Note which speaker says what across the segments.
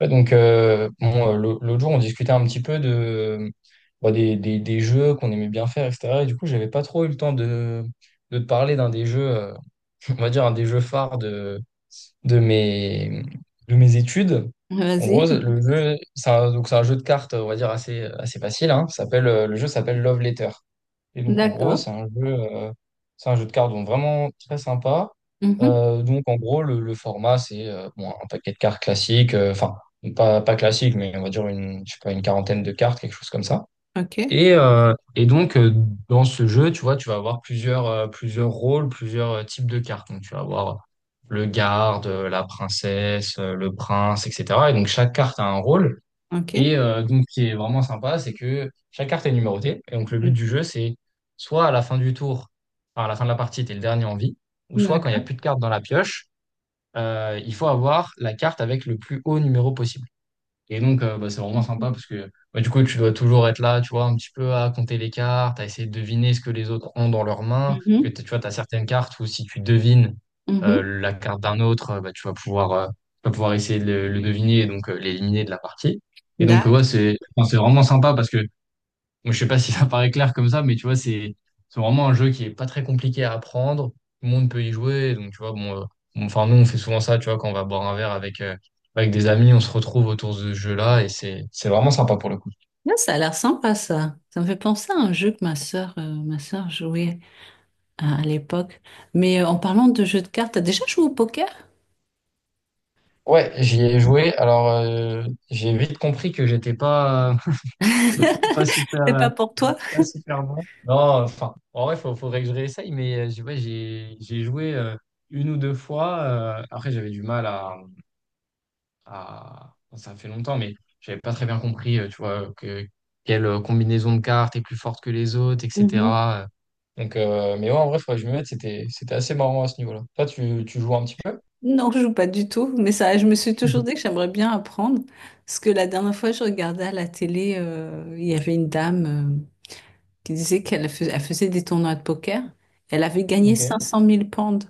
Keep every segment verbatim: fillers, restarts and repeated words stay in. Speaker 1: Ouais, donc, euh, bon, euh, l'au- l'autre jour, on discutait un petit peu de, bah, des, des, des jeux qu'on aimait bien faire, et cetera. Et du coup, j'avais pas trop eu le temps de, de te parler d'un des jeux, euh, on va dire, un des jeux phares de mes, de mes études. En gros,
Speaker 2: Vas-y.
Speaker 1: le jeu, c'est un, donc c'est un jeu de cartes, on va dire, assez, assez facile. Hein. Ça s'appelle, euh, le jeu s'appelle Love Letter. Et donc, en gros,
Speaker 2: D'accord.
Speaker 1: c'est un jeu, euh, c'est un jeu de cartes donc vraiment très sympa.
Speaker 2: Mhm.
Speaker 1: Euh, donc, en gros, le, le format, c'est euh, bon, un paquet de cartes classiques, euh, enfin, pas, pas classique, mais on va dire une, je sais pas, une quarantaine de cartes, quelque chose comme ça.
Speaker 2: OK.
Speaker 1: Et, euh, et donc, euh, dans ce jeu, tu vois, tu vas avoir plusieurs, euh, plusieurs rôles, plusieurs euh, types de cartes. Donc, tu vas avoir le garde, euh, la princesse, euh, le prince, et cetera. Et donc, chaque carte a un rôle. Et
Speaker 2: OK.
Speaker 1: euh, donc, ce qui est vraiment sympa, c'est que chaque carte est numérotée. Et donc, le but
Speaker 2: Mhm.
Speaker 1: du jeu, c'est soit à la fin du tour, enfin, à la fin de la partie, tu es le dernier en vie, ou soit quand il n'y a
Speaker 2: D'accord.
Speaker 1: plus de cartes dans la pioche, euh, il faut avoir la carte avec le plus haut numéro possible. Et donc, euh, bah, c'est vraiment sympa parce que bah, du coup, tu dois toujours être là, tu vois, un petit peu à compter les cartes, à essayer de deviner ce que les autres ont dans leurs mains. Parce que
Speaker 2: Mhm.
Speaker 1: t'as- tu vois, tu as certaines cartes où si tu devines
Speaker 2: Mhm.
Speaker 1: euh, la carte d'un autre, euh, bah, tu vas pouvoir, euh, tu vas pouvoir essayer de le, le deviner et donc euh, l'éliminer de la partie. Et donc, euh,
Speaker 2: D'accord.
Speaker 1: ouais, c'est enfin, c'est vraiment sympa parce que moi, je sais pas si ça paraît clair comme ça, mais tu vois, c'est c'est vraiment un jeu qui est pas très compliqué à apprendre. Tout le monde peut y jouer. Donc, tu vois, bon, euh, bon, enfin, nous, on fait souvent ça, tu vois, quand on va boire un verre avec, euh, avec des amis, on se retrouve autour de ce jeu-là et c'est c'est vraiment sympa pour le coup.
Speaker 2: Là, ça a l'air sympa, ça. Ça me fait penser à un jeu que ma sœur, euh, ma sœur jouait à, à l'époque. Mais euh, en parlant de jeux de cartes, t'as déjà joué au poker?
Speaker 1: Ouais, j'y ai joué. Alors, euh, j'ai vite compris que j'étais pas, pas super,
Speaker 2: C'est
Speaker 1: euh,
Speaker 2: pas pour toi?
Speaker 1: pas super bon. Non, enfin, en vrai, faut, faudrait que je réessaye, mais euh, j'ai- ouais, j'ai j'ai joué euh, une ou deux fois. euh, après, j'avais du mal à à- Ça fait longtemps, mais j'avais pas très bien compris, euh, tu vois, que quelle euh, combinaison de cartes est plus forte que les autres,
Speaker 2: Mhm.
Speaker 1: et cetera euh. Donc, euh, mais ouais, en vrai, faudrait que je me mette, c'était, c'était assez marrant à ce niveau-là. Toi, tu, tu joues un petit peu?
Speaker 2: Non, je joue pas du tout. Mais ça, je me suis toujours dit que j'aimerais bien apprendre. Parce que la dernière fois, je regardais à la télé, euh, il y avait une dame, euh, qui disait qu'elle fais- elle faisait des tournois de poker. Elle avait gagné
Speaker 1: Ok.
Speaker 2: cinq cent mille pounds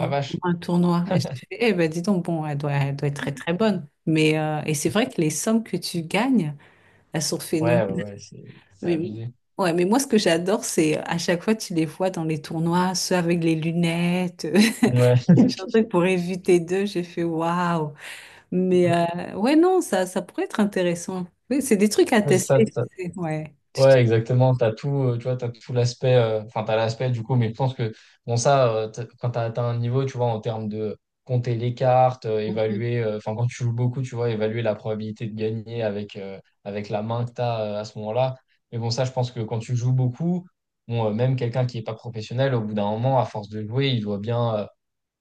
Speaker 1: La
Speaker 2: pendant
Speaker 1: vache.
Speaker 2: un tournoi. Et je fais, eh ben dis donc, bon, elle doit, elle doit être très très bonne. Mais euh, et c'est vrai que les sommes que tu gagnes, elles sont
Speaker 1: Ouais, ouais,
Speaker 2: phénoménales.
Speaker 1: ouais, c'est c'est
Speaker 2: Mais,
Speaker 1: abusé.
Speaker 2: ouais, mais moi, ce que j'adore, c'est, euh, à chaque fois, tu les vois dans les tournois, ceux avec les lunettes.
Speaker 1: Ouais,
Speaker 2: J'ai un truc pour éviter d'eux, j'ai fait waouh. Mais euh, ouais, non, ça, ça pourrait être intéressant. Oui, c'est des trucs à
Speaker 1: ça,
Speaker 2: tester,
Speaker 1: ça,
Speaker 2: tu sais. Ouais.
Speaker 1: ouais, exactement. T'as tout, euh, tu vois, t'as tout l'aspect, euh, enfin, t'as l'aspect du coup, mais je pense que, bon, ça, euh, t'as- quand t'as atteint un niveau, tu vois, en termes de compter les cartes, euh,
Speaker 2: Mhm.
Speaker 1: évaluer, euh, enfin, quand tu joues beaucoup, tu vois, évaluer la probabilité de gagner avec, euh, avec la main que t'as, euh, à ce moment-là. Mais bon, ça, je pense que quand tu joues beaucoup, bon, euh, même quelqu'un qui n'est pas professionnel, au bout d'un moment, à force de jouer, il doit bien, euh,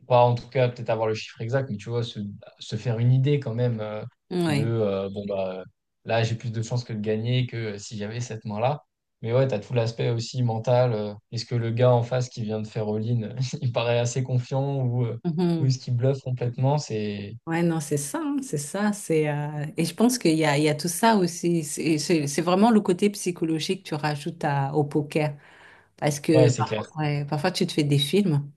Speaker 1: pas en tout cas peut-être avoir le chiffre exact, mais tu vois, se, se faire une idée quand même euh, de
Speaker 2: Ouais.
Speaker 1: euh, bon bah là j'ai plus de chances que de gagner que si j'avais cette main-là. Mais ouais, t'as tout l'aspect aussi mental. euh, est-ce que le gars en face qui vient de faire all-in, il paraît assez confiant ou, euh, ou est-ce
Speaker 2: Mhm.
Speaker 1: qu'il bluffe complètement? C'est
Speaker 2: Ouais, non, c'est ça, hein, c'est ça, c'est, euh, et je pense qu'il y a, il y a tout ça aussi. C'est c'est- c'est vraiment le côté psychologique que tu rajoutes à- au poker, parce que
Speaker 1: ouais, c'est clair.
Speaker 2: parfois, ouais, parfois tu te fais des films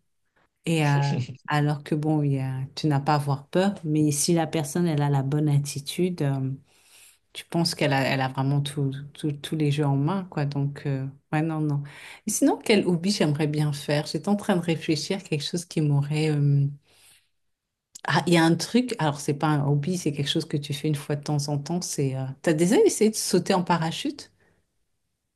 Speaker 2: et, euh, alors que bon, il y a- tu n'as pas à avoir peur, mais si la personne elle a la bonne attitude, euh, tu penses qu'elle a, elle a vraiment tout, tout- tous les jeux en main, quoi. Donc euh, ouais, non, non. Et sinon, quel hobby j'aimerais bien faire? J'étais en train de réfléchir à quelque chose qui m'aurait, euh, ah, il y a un truc, alors c'est pas un hobby, c'est quelque chose que tu fais une fois de temps en temps, c'est... euh, t'as déjà essayé de sauter en parachute?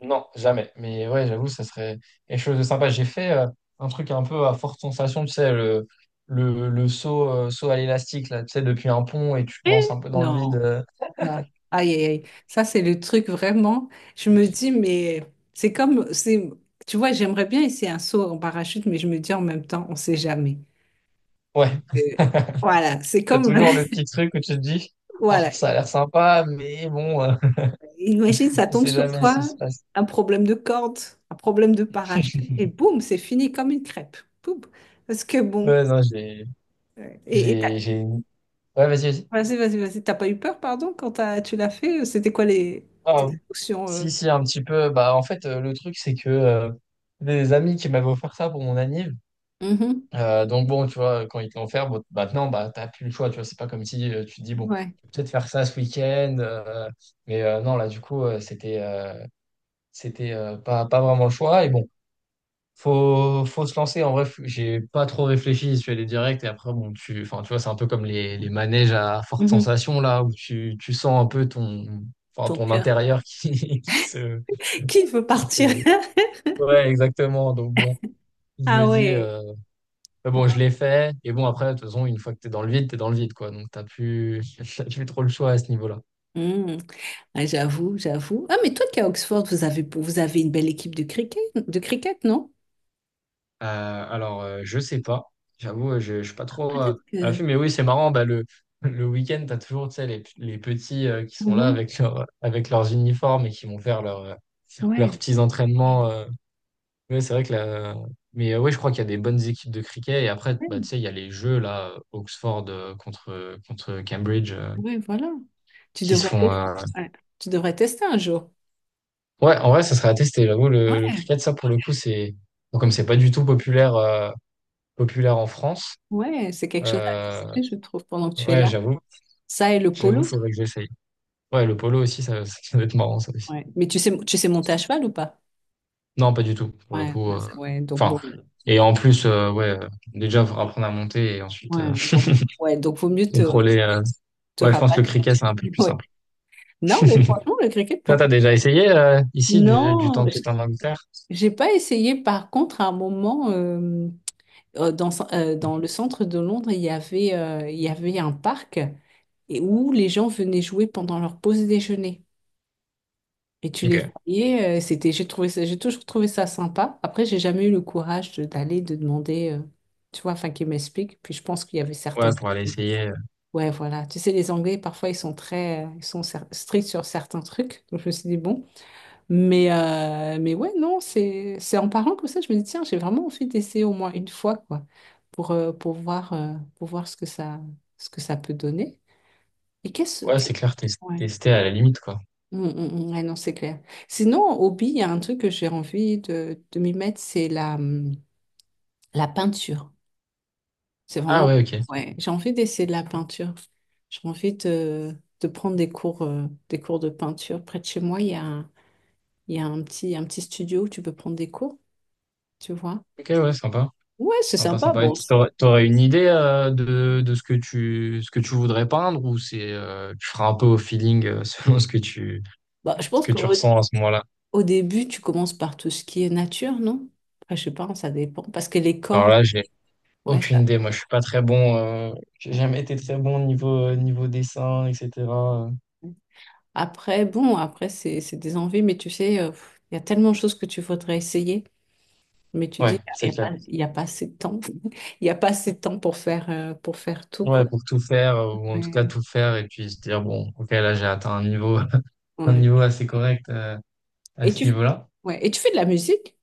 Speaker 1: Non, jamais. Mais ouais, j'avoue, ça serait quelque chose de sympa. J'ai fait euh, un truc un peu à forte sensation, tu sais, le, le, le saut, euh, saut à l'élastique, là, tu sais, depuis un pont et tu te
Speaker 2: Eh,
Speaker 1: lances un peu dans le vide.
Speaker 2: non.
Speaker 1: euh,
Speaker 2: Ah. Aïe, aïe, aïe. Ça, c'est le truc vraiment. Je me dis, mais c'est comme... c'est, tu vois, j'aimerais bien essayer un saut en parachute, mais je me dis en même temps, on sait jamais.
Speaker 1: Ouais,
Speaker 2: Euh, voilà, c'est
Speaker 1: t'as
Speaker 2: comme...
Speaker 1: toujours le
Speaker 2: le-
Speaker 1: petit truc où tu te dis, ah,
Speaker 2: Voilà.
Speaker 1: ça a l'air sympa, mais bon, euh,
Speaker 2: Imagine, ça
Speaker 1: on
Speaker 2: tombe
Speaker 1: sait
Speaker 2: sur
Speaker 1: jamais ce qui
Speaker 2: toi,
Speaker 1: se passe.
Speaker 2: un problème de corde, un problème de parachute, et boum, c'est fini comme une crêpe. Boum. Parce que bon...
Speaker 1: Ouais, non, j'ai,
Speaker 2: euh, Et et
Speaker 1: j'ai, j'ai... une- Ouais, vas-y, vas-y.
Speaker 2: Vas-y, vas-y, vas-y. T'as pas eu peur, pardon, quand t'as- tu l'as fait? C'était quoi les
Speaker 1: Ah,
Speaker 2: tes émotions, euh
Speaker 1: si, si, un petit peu. Bah, en fait, euh, le truc, c'est que euh, des amis qui m'avaient offert ça pour mon anniv.
Speaker 2: Mhm.
Speaker 1: euh, donc, bon, tu vois, quand ils te l'ont offert, bon, maintenant, bah, t'as plus le choix. Tu vois, c'est pas comme si euh, tu te dis, bon,
Speaker 2: Ouais.
Speaker 1: je vais peut-être faire ça ce week-end. euh, mais euh, non, là, du coup, euh, c'était euh, c'était euh, pas, pas vraiment le choix. Et bon, Faut, faut se lancer. En vrai, faut- j'ai pas trop réfléchi. Je suis allé direct. Et après, bon, tu, enfin, tu vois, c'est un peu comme les, les manèges à forte
Speaker 2: Mhm.
Speaker 1: sensation, là, où tu, tu sens un peu ton, enfin,
Speaker 2: Ton
Speaker 1: ton
Speaker 2: cœur.
Speaker 1: intérieur qui, qui se,
Speaker 2: Qui veut
Speaker 1: qui
Speaker 2: partir?
Speaker 1: se- Ouais, exactement. Donc, bon, je
Speaker 2: Ah
Speaker 1: me dis,
Speaker 2: ouais.
Speaker 1: euh, mais bon, je l'ai fait. Et bon, après, de toute façon, une fois que t'es dans le vide, t'es dans le vide, quoi. Donc, t'as plus, t'as plus trop le choix à ce niveau-là.
Speaker 2: Hmm. Ah, j'avoue, j'avoue. Ah, mais toi qui es à Oxford, vous avez, vous avez une belle équipe de cricket, de cricket, non?
Speaker 1: Euh, alors, euh, je sais pas. J'avoue, euh, je ne suis pas trop euh,
Speaker 2: Peut-être
Speaker 1: à
Speaker 2: que.
Speaker 1: l'affût, mais oui, c'est marrant. Bah, le, le week-end, tu as toujours, tu sais, les, les petits euh, qui sont là
Speaker 2: Mhm.
Speaker 1: avec, leur, avec leurs uniformes et qui vont faire leur, euh, leurs
Speaker 2: Ouais.
Speaker 1: petits entraînements. Euh. Ouais, c'est vrai que la... Mais oui, je crois qu'il y a des bonnes équipes de cricket. Et après, bah,
Speaker 2: Ouais,
Speaker 1: tu sais, il y a les jeux, là, euh, Oxford euh, contre, contre Cambridge, euh,
Speaker 2: ouais, voilà. Tu
Speaker 1: qui se
Speaker 2: devrais
Speaker 1: font.
Speaker 2: tester.
Speaker 1: Euh,
Speaker 2: Ouais. Tu devrais tester un jour.
Speaker 1: Ouais, en vrai, ça serait à tester. J'avoue, le, le
Speaker 2: Ouais.
Speaker 1: cricket, ça, pour le coup, c'est. Bon, comme c'est pas du tout populaire, euh, populaire en France.
Speaker 2: Ouais, c'est quelque chose à
Speaker 1: Euh,
Speaker 2: tester, je trouve, pendant que tu es
Speaker 1: ouais,
Speaker 2: là.
Speaker 1: j'avoue.
Speaker 2: Ça et le
Speaker 1: J'avoue, il
Speaker 2: polo.
Speaker 1: faudrait que j'essaye. Ouais, le polo aussi, ça, ça ça doit être marrant, ça aussi.
Speaker 2: Ouais. Mais tu sais, tu sais monter à cheval ou pas?
Speaker 1: Non, pas du tout, pour le
Speaker 2: Ouais,
Speaker 1: coup.
Speaker 2: bah,
Speaker 1: Euh,
Speaker 2: ça- ouais, donc bon,
Speaker 1: Enfin, et en plus, euh, ouais, euh, déjà, faut apprendre à monter et ensuite euh,
Speaker 2: ouais, donc, ouais, donc vaut mieux te,
Speaker 1: contrôler. Euh,
Speaker 2: te
Speaker 1: Ouais, je pense que le
Speaker 2: rabattre sur
Speaker 1: cricket,
Speaker 2: le
Speaker 1: c'est un peu
Speaker 2: cricket.
Speaker 1: plus
Speaker 2: Ouais.
Speaker 1: simple.
Speaker 2: Non, mais franchement, le cricket,
Speaker 1: Toi, t'as
Speaker 2: pourquoi?
Speaker 1: déjà essayé euh, ici du, du
Speaker 2: Non,
Speaker 1: temps que
Speaker 2: j-
Speaker 1: t'étais en Angleterre?
Speaker 2: j'ai pas essayé. Par contre, à un moment, euh, euh, dans, ce- euh, dans le centre de Londres, il y avait, euh, il y avait un parc et où les gens venaient jouer pendant leur pause déjeuner. Et tu les
Speaker 1: Ok.
Speaker 2: voyais, euh, c'était, j'ai trouvé ça, j'ai toujours trouvé ça sympa. Après, j'ai jamais eu le courage de- d'aller, de demander, euh, tu vois, enfin, qu'ils m'expliquent. Puis je pense qu'il y avait
Speaker 1: Ouais,
Speaker 2: certaines.
Speaker 1: pour aller essayer. Euh.
Speaker 2: Ouais, voilà. Tu sais, les Anglais, parfois, ils sont très, euh, ils sont cer- stricts sur certains trucs. Donc, je me suis dit, bon. Mais, euh, mais ouais, non, c'est, c'est en parlant comme ça, je me dis, tiens, j'ai vraiment envie d'essayer au moins une fois, quoi, pour, euh, pour voir, euh, pour voir ce que ça, ce que ça peut donner. Et qu'est-ce
Speaker 1: Ouais,
Speaker 2: que...
Speaker 1: c'est clair, tes-
Speaker 2: Ouais.
Speaker 1: tester à la limite, quoi.
Speaker 2: Mm, mm, mm. Ouais, non, c'est clair. Sinon, en hobby, il y a un truc que j'ai envie de, de m'y mettre, c'est la, hum, la peinture. C'est
Speaker 1: Ah
Speaker 2: vraiment...
Speaker 1: ouais, ok.
Speaker 2: Ouais, j'ai envie d'essayer de la peinture. J'ai envie de, de prendre des cours, euh, des cours de peinture. Près de chez moi, il y a, un- il y a un petit, un petit studio où tu peux prendre des cours, tu vois.
Speaker 1: Ok, ouais, sympa.
Speaker 2: Ouais, c'est
Speaker 1: Sympa,
Speaker 2: sympa.
Speaker 1: sympa. Et
Speaker 2: Bon, c'est-
Speaker 1: t'aurais, t'aurais une idée euh, de, de ce que tu, ce que tu voudrais peindre ou c'est, euh, tu feras un peu au feeling euh, selon ce que tu,
Speaker 2: bah, je
Speaker 1: ce
Speaker 2: pense
Speaker 1: que tu
Speaker 2: qu'au
Speaker 1: ressens à ce moment-là?
Speaker 2: au début, tu commences par tout ce qui est nature, non? Après, je sais pas, ça dépend. Parce que les
Speaker 1: Alors
Speaker 2: corps,
Speaker 1: là, j'ai
Speaker 2: ouais,
Speaker 1: aucune
Speaker 2: ça-
Speaker 1: idée. Moi, je suis pas très bon. euh, j'ai jamais été très bon niveau euh, niveau dessin, et cetera. Euh,
Speaker 2: après, bon, après, c'est, c'est des envies, mais tu sais, euh, pff, il y a tellement de choses que tu voudrais essayer. Mais tu
Speaker 1: ouais,
Speaker 2: dis,
Speaker 1: c'est
Speaker 2: il n'y a, y a
Speaker 1: clair.
Speaker 2: pas y a pas assez de temps. Il n'y a pas assez de temps pour faire, euh, pour faire tout, quoi.
Speaker 1: Ouais, pour tout faire euh, ou en tout cas
Speaker 2: Ouais,
Speaker 1: tout faire et puis se dire bon, ok, là j'ai atteint un niveau un
Speaker 2: ouais.
Speaker 1: niveau assez correct euh, à
Speaker 2: Et
Speaker 1: ce
Speaker 2: tu,
Speaker 1: niveau-là.
Speaker 2: ouais. Et tu fais de la musique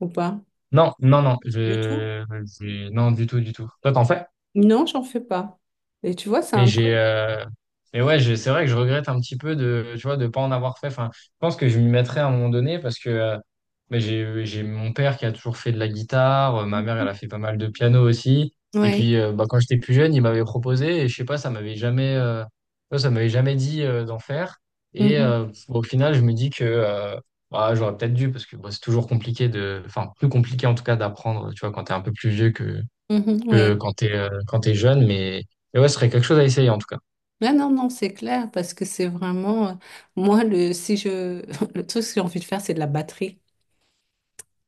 Speaker 2: ou pas?
Speaker 1: Non, non, non,
Speaker 2: Du tout?
Speaker 1: je, je- non du tout, du tout. Toi, t'en fais?
Speaker 2: Non, j'en fais pas. Et tu vois, c'est
Speaker 1: Mais
Speaker 2: un truc.
Speaker 1: j'ai, euh, mais ouais, je- c'est vrai que je regrette un petit peu de, tu vois, de pas en avoir fait. Enfin, je pense que je m'y mettrai à un moment donné parce que euh, ben, j'ai, j'ai mon père qui a toujours fait de la guitare, euh, ma mère elle
Speaker 2: Oui.
Speaker 1: a fait pas mal de piano aussi. Et puis euh, bah, quand j'étais plus jeune, il m'avait proposé et je sais pas, ça m'avait jamais, euh, ouais, ça m'avait jamais dit euh, d'en faire. Et euh, bon, au final, je me dis que euh, bah, j'aurais peut-être dû parce que bon, c'est toujours compliqué de, enfin plus compliqué en tout cas d'apprendre, tu vois, quand t'es un peu plus vieux que
Speaker 2: Ouais.
Speaker 1: que quand t'es euh, quand t'es jeune, mais, mais ouais, ce serait quelque chose à essayer en tout cas.
Speaker 2: Non, non, non, c'est clair, parce que c'est vraiment. euh, Moi, le, si je, le truc que j'ai envie de faire, c'est de la batterie.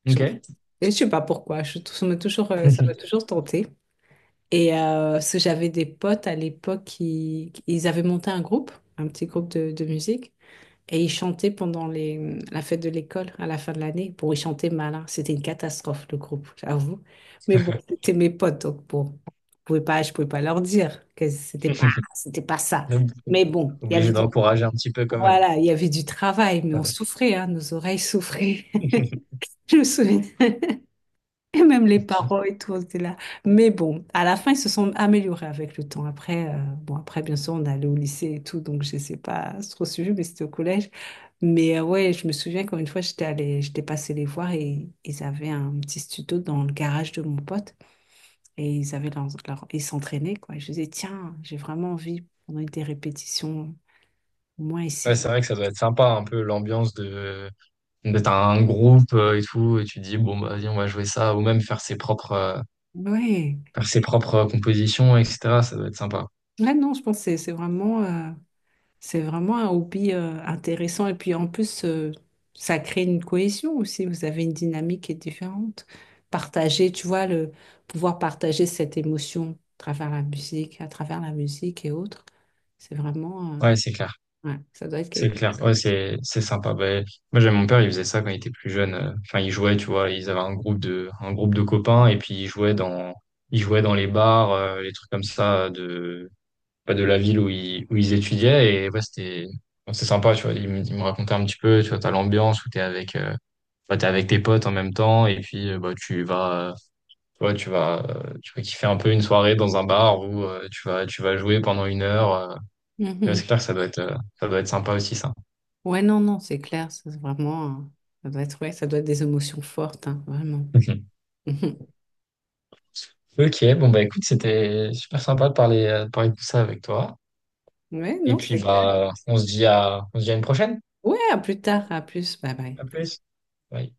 Speaker 2: J'en-
Speaker 1: Ok.
Speaker 2: Et je sais pas pourquoi. Je, ça m'a toujours, euh, ça m'a toujours tenté. Et euh, parce que j'avais des potes à l'époque qui, qui- ils avaient monté un groupe, un petit groupe de, de musique, et ils chantaient pendant les, la fête de l'école à la fin de l'année. Bon, ils chantaient mal, hein. C'était une catastrophe le groupe, j'avoue. Mais bon, c'était mes potes, donc bon, je pouvais pas, je pouvais pas leur dire que c'était pas, c'était pas ça.
Speaker 1: Donc,
Speaker 2: Mais bon, il y avait. Ouais.
Speaker 1: obligé
Speaker 2: du,
Speaker 1: d'encourager un petit peu quand même.
Speaker 2: voilà, il y avait du travail, mais
Speaker 1: Ça
Speaker 2: on
Speaker 1: va.
Speaker 2: souffrait, hein, nos oreilles souffraient. Je me souviens. Et même les parents et tout, c'était là. Mais bon, à la fin, ils se sont améliorés avec le temps. Après, euh, bon, après, bien sûr, on allait au lycée et tout, donc je sais pas trop suivi, mais c'était au collège. Mais euh, ouais, je me souviens quand une fois, j'étais allée, j'étais passée les voir et ils avaient un petit studio dans le garage de mon pote et ils avaient leur, leur- ils s'entraînaient, quoi. Je disais, tiens, j'ai vraiment envie, pendant des répétitions, au moins
Speaker 1: Ouais, c'est
Speaker 2: ici.
Speaker 1: vrai que ça doit être sympa un peu l'ambiance de d'être un groupe euh, et tout, et tu te dis bon bah vas-y on va jouer ça, ou même faire ses propres euh,
Speaker 2: Ouais.
Speaker 1: faire ses propres compositions, et cetera. Ça doit être sympa.
Speaker 2: Là, non, je pense que c'est c'est vraiment. euh, C'est vraiment un hobby, euh, intéressant et puis en plus, euh, ça crée une cohésion aussi. Vous avez une dynamique qui est différente. Partager, tu vois, le pouvoir partager cette émotion à travers la musique, à travers la musique et autres, c'est vraiment, euh,
Speaker 1: Ouais, c'est clair.
Speaker 2: ouais, ça doit être
Speaker 1: C'est
Speaker 2: quelque
Speaker 1: clair,
Speaker 2: chose.
Speaker 1: ouais, c'est c'est sympa. Ben, moi, j'avais mon père, il faisait ça quand il était plus jeune. Euh, Enfin, il jouait, tu vois, ils avaient un groupe de un groupe de copains et puis ils jouaient dans ils jouaient dans les bars, euh, les trucs comme ça de pas de la ville où ils où ils étudiaient et ouais, c'était bon, c'est sympa, tu vois. Il me, il me racontait un petit peu, tu vois, t'as l'ambiance où t'es avec euh, bah, t'es avec tes potes en même temps et puis euh, bah tu vas euh, tu vois, tu vas euh, tu vas kiffer un peu une soirée dans un bar où euh, tu vas tu vas jouer pendant une heure. Euh. Et ouais,
Speaker 2: Mhm.
Speaker 1: c'est clair que ça doit être euh, ça doit être sympa aussi ça.
Speaker 2: Ouais, non, non, c'est clair, c'est vraiment, euh, ça doit être, ouais, ça doit être des émotions fortes, hein, vraiment. Mhm.
Speaker 1: Ok, bon bah écoute, c'était super sympa de parler, euh, de parler de tout ça avec toi.
Speaker 2: Ouais,
Speaker 1: Et
Speaker 2: non,
Speaker 1: puis
Speaker 2: c'est clair.
Speaker 1: bah on se dit à on se dit à une prochaine.
Speaker 2: Ouais, à plus tard, à plus, bye bye.
Speaker 1: À plus. Bye.